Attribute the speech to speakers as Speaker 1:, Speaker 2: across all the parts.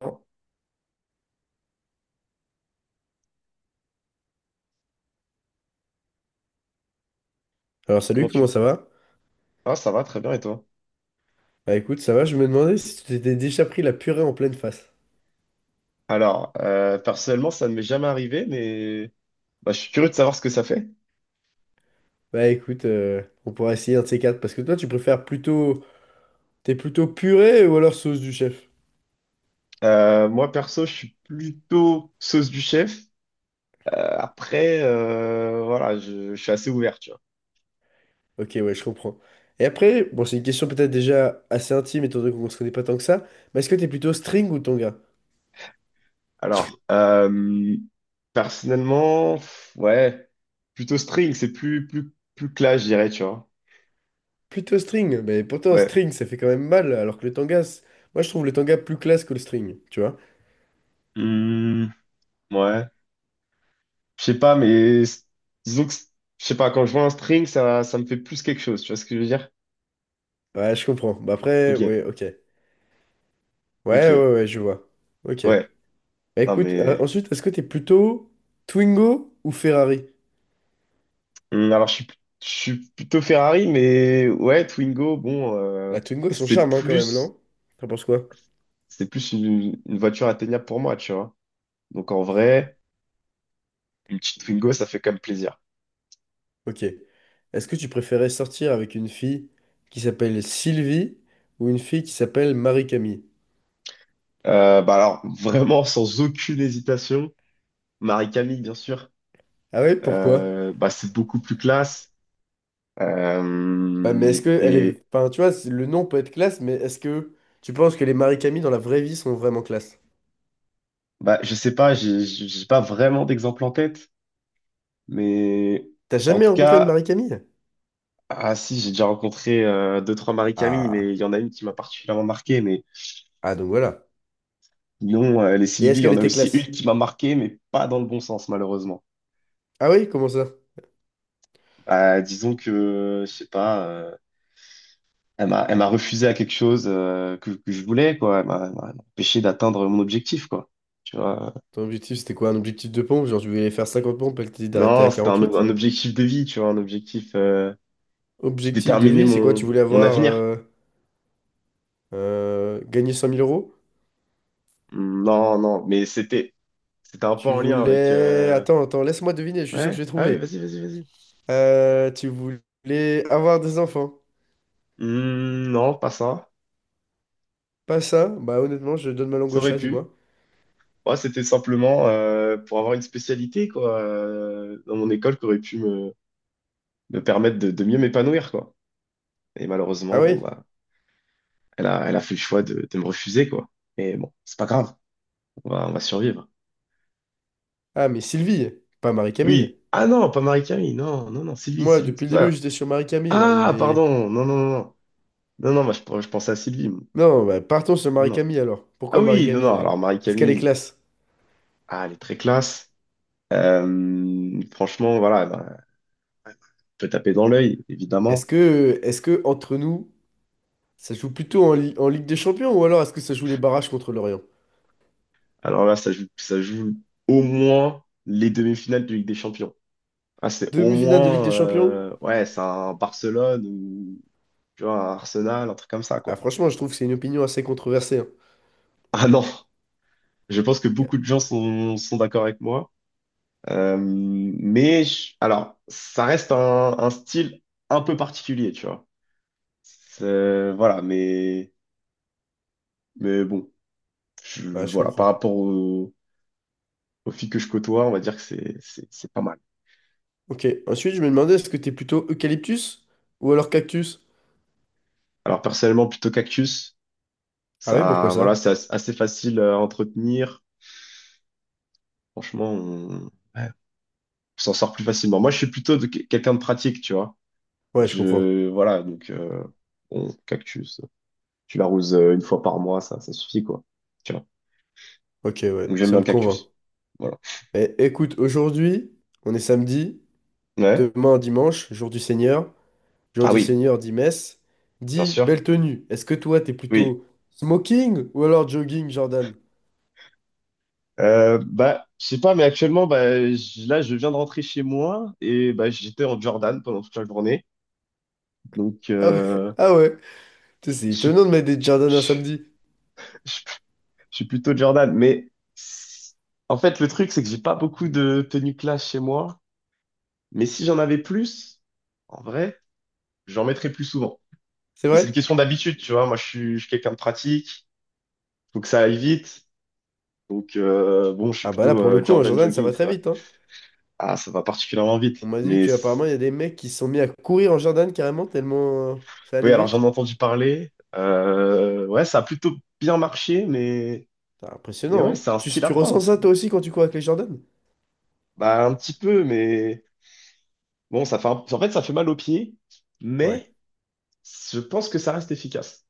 Speaker 1: Oh,
Speaker 2: Alors
Speaker 1: Comment
Speaker 2: salut,
Speaker 1: tu...
Speaker 2: comment ça va?
Speaker 1: Ah, ça va, très bien, et toi?
Speaker 2: Bah écoute, ça va, je me demandais si tu t'étais déjà pris la purée en pleine face.
Speaker 1: Alors, personnellement, ça ne m'est jamais arrivé, mais bah, je suis curieux de savoir ce que ça fait.
Speaker 2: Bah écoute, on pourra essayer un de ces quatre, parce que toi tu préfères plutôt... T'es plutôt purée ou alors sauce du chef?
Speaker 1: Moi, perso, je suis plutôt sauce du chef. Après, voilà, je suis assez ouvert, tu vois.
Speaker 2: Ok, ouais, je comprends. Et après, bon c'est une question peut-être déjà assez intime, étant donné qu'on se connaît pas tant que ça, mais est-ce que t'es plutôt string ou tanga?
Speaker 1: Alors, personnellement, ouais, plutôt string, c'est plus clash, je dirais, tu vois.
Speaker 2: Plutôt string, mais pourtant
Speaker 1: Ouais.
Speaker 2: string ça fait quand même mal, alors que le tanga, c'est- moi je trouve le tanga plus classe que le string, tu vois?
Speaker 1: Hmm, ouais. Je sais pas, mais disons que, je sais pas, quand je vois un string, ça me fait plus quelque chose, tu vois ce que je veux dire?
Speaker 2: Ouais, je comprends. Bah après,
Speaker 1: Ok,
Speaker 2: ouais, ok. Ouais, ouais,
Speaker 1: ok.
Speaker 2: ouais, je vois. Ok.
Speaker 1: Ouais,
Speaker 2: Bah,
Speaker 1: non
Speaker 2: écoute,
Speaker 1: mais
Speaker 2: ensuite, est-ce que t'es plutôt Twingo ou Ferrari?
Speaker 1: alors je suis plutôt Ferrari, mais ouais, Twingo, bon,
Speaker 2: La Twingo a son
Speaker 1: c'est
Speaker 2: charme, hein, quand même,
Speaker 1: plus,
Speaker 2: non? T'en penses quoi?
Speaker 1: c'est plus une voiture atteignable pour moi, tu vois. Donc en vrai, une petite Twingo, ça fait quand même plaisir.
Speaker 2: Ok. Est-ce que tu préférais sortir avec une fille qui s'appelle Sylvie ou une fille qui s'appelle Marie-Camille?
Speaker 1: Bah alors vraiment sans aucune hésitation, Marie-Camille, bien sûr,
Speaker 2: Ah ouais, pourquoi?
Speaker 1: bah c'est beaucoup plus classe.
Speaker 2: Bah, mais est-ce que elle est...
Speaker 1: Et
Speaker 2: Enfin, tu vois, c'est- le nom peut être classe, mais est-ce que tu penses que les Marie-Camille dans la vraie vie sont vraiment classe?
Speaker 1: bah je sais pas, j'ai pas vraiment d'exemple en tête, mais
Speaker 2: T'as
Speaker 1: en
Speaker 2: jamais
Speaker 1: tout
Speaker 2: rencontré une
Speaker 1: cas.
Speaker 2: Marie-Camille?
Speaker 1: Ah si, j'ai déjà rencontré deux, trois Marie-Camille, mais
Speaker 2: Ah.
Speaker 1: il y en a une qui m'a particulièrement marqué. Mais
Speaker 2: Ah, donc voilà.
Speaker 1: non, les
Speaker 2: Et
Speaker 1: Sylvie, il
Speaker 2: est-ce
Speaker 1: y
Speaker 2: qu'elle
Speaker 1: en a
Speaker 2: était
Speaker 1: aussi une
Speaker 2: classe?
Speaker 1: qui m'a marqué, mais pas dans le bon sens, malheureusement.
Speaker 2: Ah oui, comment ça?
Speaker 1: Disons que, je sais pas, elle m'a refusé à quelque chose que je voulais, quoi. Elle m'a empêché d'atteindre mon objectif, quoi. Tu vois.
Speaker 2: Ton objectif, c'était quoi? Un objectif de pompe? Genre, tu voulais faire 50 pompes et que t'as dit d'arrêter à
Speaker 1: Non, c'était un,
Speaker 2: 48.
Speaker 1: un objectif de vie, tu vois, un objectif qui
Speaker 2: Objectif de
Speaker 1: déterminait
Speaker 2: vie, c'est quoi? Tu
Speaker 1: mon,
Speaker 2: voulais
Speaker 1: mon
Speaker 2: avoir
Speaker 1: avenir.
Speaker 2: gagné 100 000 euros?
Speaker 1: Non, non, mais c'était un peu
Speaker 2: Tu
Speaker 1: en lien avec...
Speaker 2: voulais. Attends, attends, laisse-moi deviner, je suis sûr que
Speaker 1: Ouais,
Speaker 2: je vais
Speaker 1: ah oui,
Speaker 2: trouver.
Speaker 1: vas-y, vas-y, vas-y.
Speaker 2: Tu voulais avoir des enfants?
Speaker 1: Hmm, non, pas ça.
Speaker 2: Pas ça? Bah, honnêtement, je donne ma langue
Speaker 1: Ça
Speaker 2: au
Speaker 1: aurait
Speaker 2: chat,
Speaker 1: pu.
Speaker 2: dis-moi.
Speaker 1: Moi, c'était simplement pour avoir une spécialité quoi, dans mon école qui aurait pu me permettre de mieux m'épanouir, quoi. Et malheureusement,
Speaker 2: Ah
Speaker 1: bon,
Speaker 2: oui?
Speaker 1: bah, elle a fait le choix de me refuser, quoi. Mais bon, c'est pas grave. On va survivre.
Speaker 2: Ah, mais Sylvie, pas Marie-Camille.
Speaker 1: Oui. Ah non, pas Marie-Camille. Non, non, non, Sylvie,
Speaker 2: Moi,
Speaker 1: Sylvie, c'est
Speaker 2: depuis le
Speaker 1: pour
Speaker 2: début,
Speaker 1: ça.
Speaker 2: j'étais sur Marie-Camille, là. Il y
Speaker 1: Ah,
Speaker 2: avait.
Speaker 1: pardon. Non, non, non, non. Non, non, bah, je pensais à Sylvie, moi.
Speaker 2: Non, bah, partons sur
Speaker 1: Non.
Speaker 2: Marie-Camille alors.
Speaker 1: Ah
Speaker 2: Pourquoi
Speaker 1: oui, non,
Speaker 2: Marie-Camille,
Speaker 1: non.
Speaker 2: là?
Speaker 1: Alors,
Speaker 2: Est-ce qu'elle est
Speaker 1: Marie-Camille,
Speaker 2: classe?
Speaker 1: ah, elle est très classe. Franchement, voilà, peut taper dans l'œil,
Speaker 2: Est-ce
Speaker 1: évidemment.
Speaker 2: que, est-ce que entre nous. Ça joue plutôt en, Li- en Ligue des Champions ou alors est-ce que ça joue les barrages contre l'Orient?
Speaker 1: Alors là, ça joue au moins les demi-finales de Ligue des Champions. Ah, c'est au
Speaker 2: Demi-finale de Ligue des
Speaker 1: moins,
Speaker 2: Champions?
Speaker 1: ouais, c'est un Barcelone ou tu vois, un Arsenal, un truc comme ça,
Speaker 2: Ah,
Speaker 1: quoi.
Speaker 2: franchement, je trouve que c'est une opinion assez controversée, hein.
Speaker 1: Ah non, je pense que
Speaker 2: Ouais.
Speaker 1: beaucoup de gens sont d'accord avec moi. Mais alors, ça reste un style un peu particulier, tu vois. Voilà, mais bon,
Speaker 2: Bah, je
Speaker 1: voilà, par
Speaker 2: comprends.
Speaker 1: rapport aux filles que je côtoie, on va dire que c'est pas mal.
Speaker 2: Ok, ensuite, je me demandais est-ce que t'es plutôt eucalyptus ou alors cactus?
Speaker 1: Alors personnellement, plutôt cactus.
Speaker 2: Ah oui, pourquoi
Speaker 1: Ça, voilà,
Speaker 2: ça?
Speaker 1: c'est assez facile à entretenir. Franchement, ouais, on s'en sort plus facilement. Moi, je suis plutôt quelqu'un de pratique, tu vois.
Speaker 2: Ouais, je comprends.
Speaker 1: Voilà, donc bon, cactus. Tu l'arroses une fois par mois, ça suffit quoi. Tu vois.
Speaker 2: Ok,
Speaker 1: Donc
Speaker 2: ouais,
Speaker 1: j'aime
Speaker 2: ça
Speaker 1: bien
Speaker 2: me
Speaker 1: le
Speaker 2: convainc.
Speaker 1: cactus. Voilà.
Speaker 2: Eh, écoute, aujourd'hui, on est samedi,
Speaker 1: Ouais.
Speaker 2: demain dimanche, jour du Seigneur. Jour
Speaker 1: Ah
Speaker 2: du
Speaker 1: oui,
Speaker 2: Seigneur dit messe,
Speaker 1: bien
Speaker 2: dit
Speaker 1: sûr.
Speaker 2: belle tenue. Est-ce que toi, t'es
Speaker 1: Oui.
Speaker 2: plutôt smoking ou alors jogging, Jordan?
Speaker 1: Bah, je sais pas, mais actuellement, bah, là, je viens de rentrer chez moi et bah, j'étais en Jordan pendant toute la journée. Donc,
Speaker 2: Ah ouais, ah ouais. Tu sais, c'est
Speaker 1: je
Speaker 2: étonnant de mettre des Jordan un samedi.
Speaker 1: je- je suis plutôt Jordan, mais en fait, le truc, c'est que j'ai pas beaucoup de tenues classe chez moi. Mais si j'en avais plus, en vrai, j'en mettrais plus souvent.
Speaker 2: C'est
Speaker 1: Mais c'est une
Speaker 2: vrai?
Speaker 1: question d'habitude, tu vois. Moi, je suis quelqu'un de pratique. Faut que ça aille vite. Donc, bon, je suis
Speaker 2: Ah bah là,
Speaker 1: plutôt
Speaker 2: pour le coup, en
Speaker 1: Jordan
Speaker 2: Jordan, ça
Speaker 1: jogging,
Speaker 2: va très
Speaker 1: ça.
Speaker 2: vite, hein.
Speaker 1: Ah, ça va particulièrement
Speaker 2: On
Speaker 1: vite.
Speaker 2: m'a dit
Speaker 1: Mais
Speaker 2: qu'apparemment, il y a des mecs qui se sont mis à courir en Jordan carrément tellement ça
Speaker 1: oui,
Speaker 2: allait
Speaker 1: alors
Speaker 2: vite.
Speaker 1: j'en ai entendu parler. Ouais, ça a plutôt bien marché, mais
Speaker 2: C'est impressionnant,
Speaker 1: ouais,
Speaker 2: hein.
Speaker 1: c'est un
Speaker 2: Tu,
Speaker 1: style à
Speaker 2: tu
Speaker 1: prendre.
Speaker 2: ressens ça toi aussi quand tu cours avec les Jordan?
Speaker 1: Bah, un petit peu, mais bon, ça fait en fait, ça fait mal aux pieds,
Speaker 2: Ouais.
Speaker 1: mais je pense que ça reste efficace.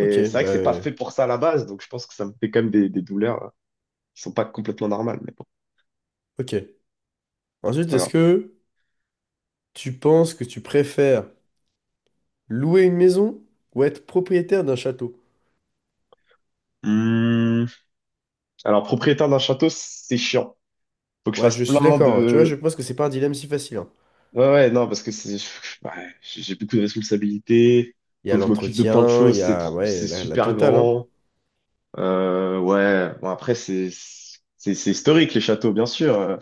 Speaker 2: Ok,
Speaker 1: c'est vrai
Speaker 2: bah...
Speaker 1: que c'est pas fait pour ça à la base, donc je pense que ça me fait quand même des douleurs qui sont pas complètement normales, mais bon,
Speaker 2: ok.
Speaker 1: c'est
Speaker 2: Ensuite,
Speaker 1: pas
Speaker 2: est-ce
Speaker 1: grave.
Speaker 2: que tu penses que tu préfères louer une maison ou être propriétaire d'un château?
Speaker 1: Hum, Alors, propriétaire d'un château, c'est chiant. Faut que je
Speaker 2: Ouais, je
Speaker 1: fasse
Speaker 2: suis
Speaker 1: plein
Speaker 2: d'accord, hein. Tu vois, je
Speaker 1: de...
Speaker 2: pense que c'est pas un dilemme si facile, hein.
Speaker 1: Ouais, ouais, non, parce que c'est... ouais, j'ai beaucoup de responsabilités.
Speaker 2: Il y a
Speaker 1: Faut que je m'occupe de plein de
Speaker 2: l'entretien, il
Speaker 1: choses.
Speaker 2: y
Speaker 1: C'est
Speaker 2: a...
Speaker 1: trop... c'est
Speaker 2: Ouais, la
Speaker 1: super
Speaker 2: totale, hein.
Speaker 1: grand. Ouais, bon, après, c'est... C'est historique, les châteaux, bien sûr.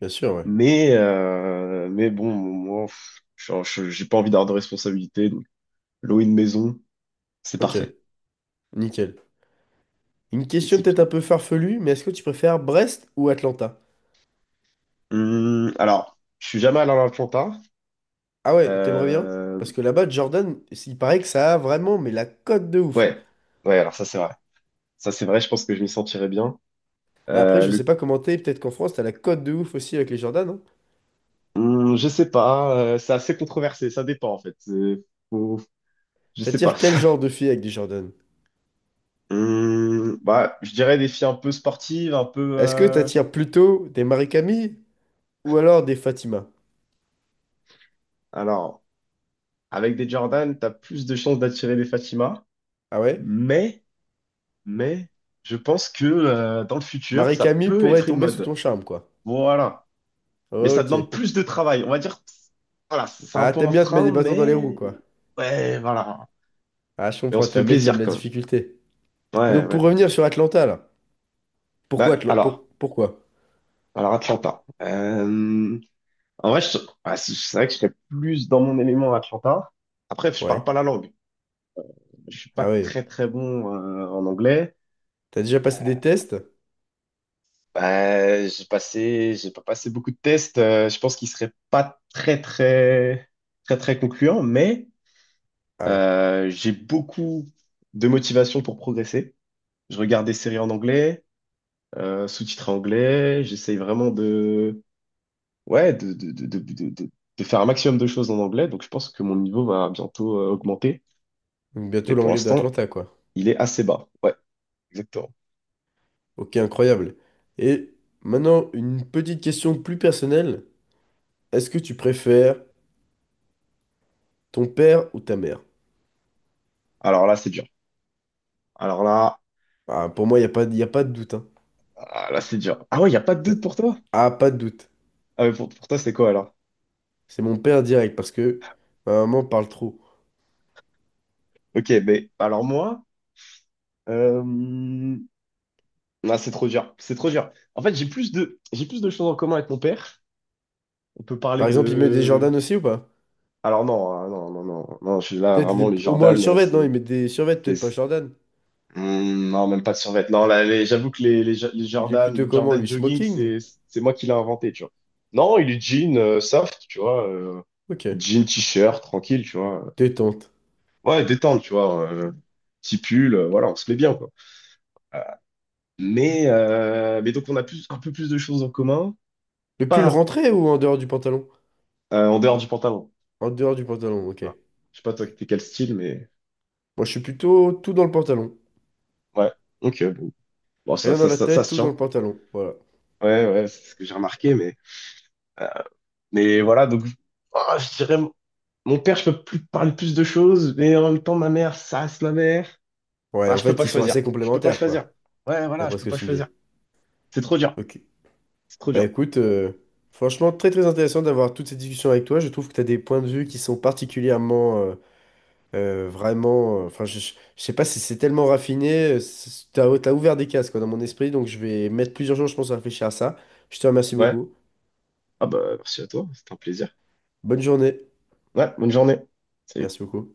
Speaker 2: Bien sûr, ouais.
Speaker 1: Mais bon, moi, j'ai pas envie d'avoir de responsabilités. Louer une maison, c'est
Speaker 2: Ok,
Speaker 1: parfait.
Speaker 2: nickel. Une
Speaker 1: C'est
Speaker 2: question peut-être un
Speaker 1: exceptionnel.
Speaker 2: peu farfelue, mais est-ce que tu préfères Brest ou Atlanta?
Speaker 1: Alors, je suis jamais allé à l'Atlanta.
Speaker 2: Ah ouais, t'aimerais bien?
Speaker 1: Euh,
Speaker 2: Parce que là-bas, Jordan, il paraît que ça a vraiment, mais la cote de ouf, hein.
Speaker 1: ouais, ouais, alors ça c'est vrai. Ça c'est vrai, je pense que je m'y sentirais bien.
Speaker 2: Bah après,
Speaker 1: Euh,
Speaker 2: je sais
Speaker 1: le...
Speaker 2: pas comment t'es, peut-être qu'en France, t'as la cote de ouf aussi avec les Jordan, hein.
Speaker 1: je sais pas, c'est assez controversé, ça dépend en fait. Faut- Je sais pas.
Speaker 2: T'attires quel genre de filles avec des Jordan?
Speaker 1: Bah, je dirais des filles un peu sportives, un peu...
Speaker 2: Est-ce que t'attires plutôt des Marie-Camille ou alors des Fatima?
Speaker 1: Alors, avec des Jordan, t'as plus de chances d'attirer des Fatima,
Speaker 2: Ah ouais?
Speaker 1: mais, mais, je pense que dans le futur, ça
Speaker 2: Marie-Camille
Speaker 1: peut
Speaker 2: pourrait
Speaker 1: être une
Speaker 2: tomber sous
Speaker 1: mode.
Speaker 2: ton charme, quoi.
Speaker 1: Voilà. Mais ça
Speaker 2: Ok.
Speaker 1: demande plus de travail. On va dire, voilà, c'est un
Speaker 2: Ah,
Speaker 1: peu un
Speaker 2: t'aimes bien te mettre
Speaker 1: frein,
Speaker 2: des bâtons dans les roues,
Speaker 1: mais
Speaker 2: quoi.
Speaker 1: ouais, voilà.
Speaker 2: Ah, je
Speaker 1: Mais on
Speaker 2: comprends,
Speaker 1: se
Speaker 2: t'es un
Speaker 1: fait
Speaker 2: mec qui aime
Speaker 1: plaisir
Speaker 2: la
Speaker 1: quand même.
Speaker 2: difficulté. Mais
Speaker 1: Ouais,
Speaker 2: donc,
Speaker 1: ouais.
Speaker 2: pour revenir sur Atlanta, là. Pourquoi
Speaker 1: Bah,
Speaker 2: Atla- pour...
Speaker 1: alors,
Speaker 2: Pourquoi?
Speaker 1: alors Atlanta. En vrai, ouais, c'est vrai que je serais plus dans mon élément à Atlanta. Après, je parle
Speaker 2: Ouais.
Speaker 1: pas la langue. Je suis pas
Speaker 2: Ah oui.
Speaker 1: très très bon en anglais.
Speaker 2: T'as déjà passé des tests?
Speaker 1: Bah, j'ai pas passé beaucoup de tests. Je pense qu'ils seraient pas très très très très concluants, mais
Speaker 2: Ah ouais.
Speaker 1: j'ai beaucoup de motivation pour progresser. Je regarde des séries en anglais, sous-titrées anglais. J'essaye vraiment ouais, de faire un maximum de choses en anglais. Donc, je pense que mon niveau va bientôt augmenter.
Speaker 2: Donc bientôt
Speaker 1: Mais pour
Speaker 2: l'anglais
Speaker 1: l'instant,
Speaker 2: d'Atlanta, quoi.
Speaker 1: il est assez bas. Ouais, exactement.
Speaker 2: Ok, incroyable. Et maintenant, une petite question plus personnelle. Est-ce que tu préfères ton père ou ta mère?
Speaker 1: Alors là, c'est dur. Alors là,
Speaker 2: Ah, pour moi, il n'y a pas, y a pas de doute, hein.
Speaker 1: ah, là, c'est dur. Ah ouais, il n'y a pas de doute pour toi?
Speaker 2: Ah, pas de doute.
Speaker 1: Ah, mais pour toi, c'est quoi alors?
Speaker 2: C'est mon père direct parce que ma maman parle trop.
Speaker 1: Ok, mais alors moi, euh... ah, c'est trop dur. C'est trop dur. En fait, j'ai plus de choses en commun avec mon père. On peut parler
Speaker 2: Par exemple, il met des Jordan
Speaker 1: de...
Speaker 2: aussi ou pas?
Speaker 1: Alors non, hein, non, non, non, non, je suis là,
Speaker 2: Peut-être
Speaker 1: vraiment,
Speaker 2: les-
Speaker 1: les
Speaker 2: au moins le
Speaker 1: Jordan,
Speaker 2: survêt, non?
Speaker 1: c'est...
Speaker 2: Il met des survêtements,
Speaker 1: c'est-
Speaker 2: peut-être pas
Speaker 1: c'est-
Speaker 2: Jordan.
Speaker 1: Hmm, non, même pas de survêt. Non, là, j'avoue que les
Speaker 2: Il est
Speaker 1: Jordan,
Speaker 2: plutôt
Speaker 1: le
Speaker 2: comment,
Speaker 1: Jordan
Speaker 2: lui?
Speaker 1: jogging,
Speaker 2: Smoking?
Speaker 1: c'est moi qui l'ai inventé, tu vois. Non, il est jean soft, tu vois.
Speaker 2: Ok.
Speaker 1: Jean, t-shirt, tranquille, tu vois.
Speaker 2: Détente.
Speaker 1: Ouais, détente, tu vois. Petit pull, voilà, on se met bien, quoi. Mais donc, on a plus, un peu plus de choses en commun,
Speaker 2: Le pull
Speaker 1: pas
Speaker 2: rentré ou en dehors du pantalon?
Speaker 1: en dehors du pantalon.
Speaker 2: En dehors du pantalon, ok.
Speaker 1: Voilà. Je sais pas, toi, t'es quel style, mais...
Speaker 2: Moi, je suis plutôt tout dans le pantalon.
Speaker 1: Ouais, ok, Bon, ça,
Speaker 2: Rien dans
Speaker 1: ça,
Speaker 2: la
Speaker 1: ça, ça
Speaker 2: tête,
Speaker 1: se
Speaker 2: tout dans
Speaker 1: tient.
Speaker 2: le pantalon. Voilà.
Speaker 1: Ouais, ouais, c'est ce que j'ai remarqué, euh, mais voilà, donc ah, je dirais, mon père, je peux plus parler plus de choses, mais en même temps, ma mère, ça reste ma mère.
Speaker 2: Ouais,
Speaker 1: Ah,
Speaker 2: en
Speaker 1: je peux pas
Speaker 2: fait, ils sont
Speaker 1: choisir.
Speaker 2: assez
Speaker 1: Je peux pas
Speaker 2: complémentaires, quoi,
Speaker 1: choisir. Ouais, voilà, je
Speaker 2: d'après
Speaker 1: peux
Speaker 2: ce que
Speaker 1: pas
Speaker 2: tu me
Speaker 1: choisir.
Speaker 2: dis.
Speaker 1: C'est trop dur.
Speaker 2: Ok.
Speaker 1: C'est trop
Speaker 2: Bah
Speaker 1: dur.
Speaker 2: écoute, franchement, très très intéressant d'avoir toutes ces discussions avec toi. Je trouve que tu as des points de vue qui sont particulièrement, vraiment... Enfin, je sais pas si c'est tellement raffiné. Tu as, ouvert des cases, quoi, dans mon esprit. Donc, je vais mettre plusieurs jours, je pense, à réfléchir à ça. Je te remercie
Speaker 1: Ouais.
Speaker 2: beaucoup.
Speaker 1: Ah bah, merci à toi, c'était un plaisir.
Speaker 2: Bonne journée.
Speaker 1: Ouais, bonne journée. Salut.
Speaker 2: Merci beaucoup.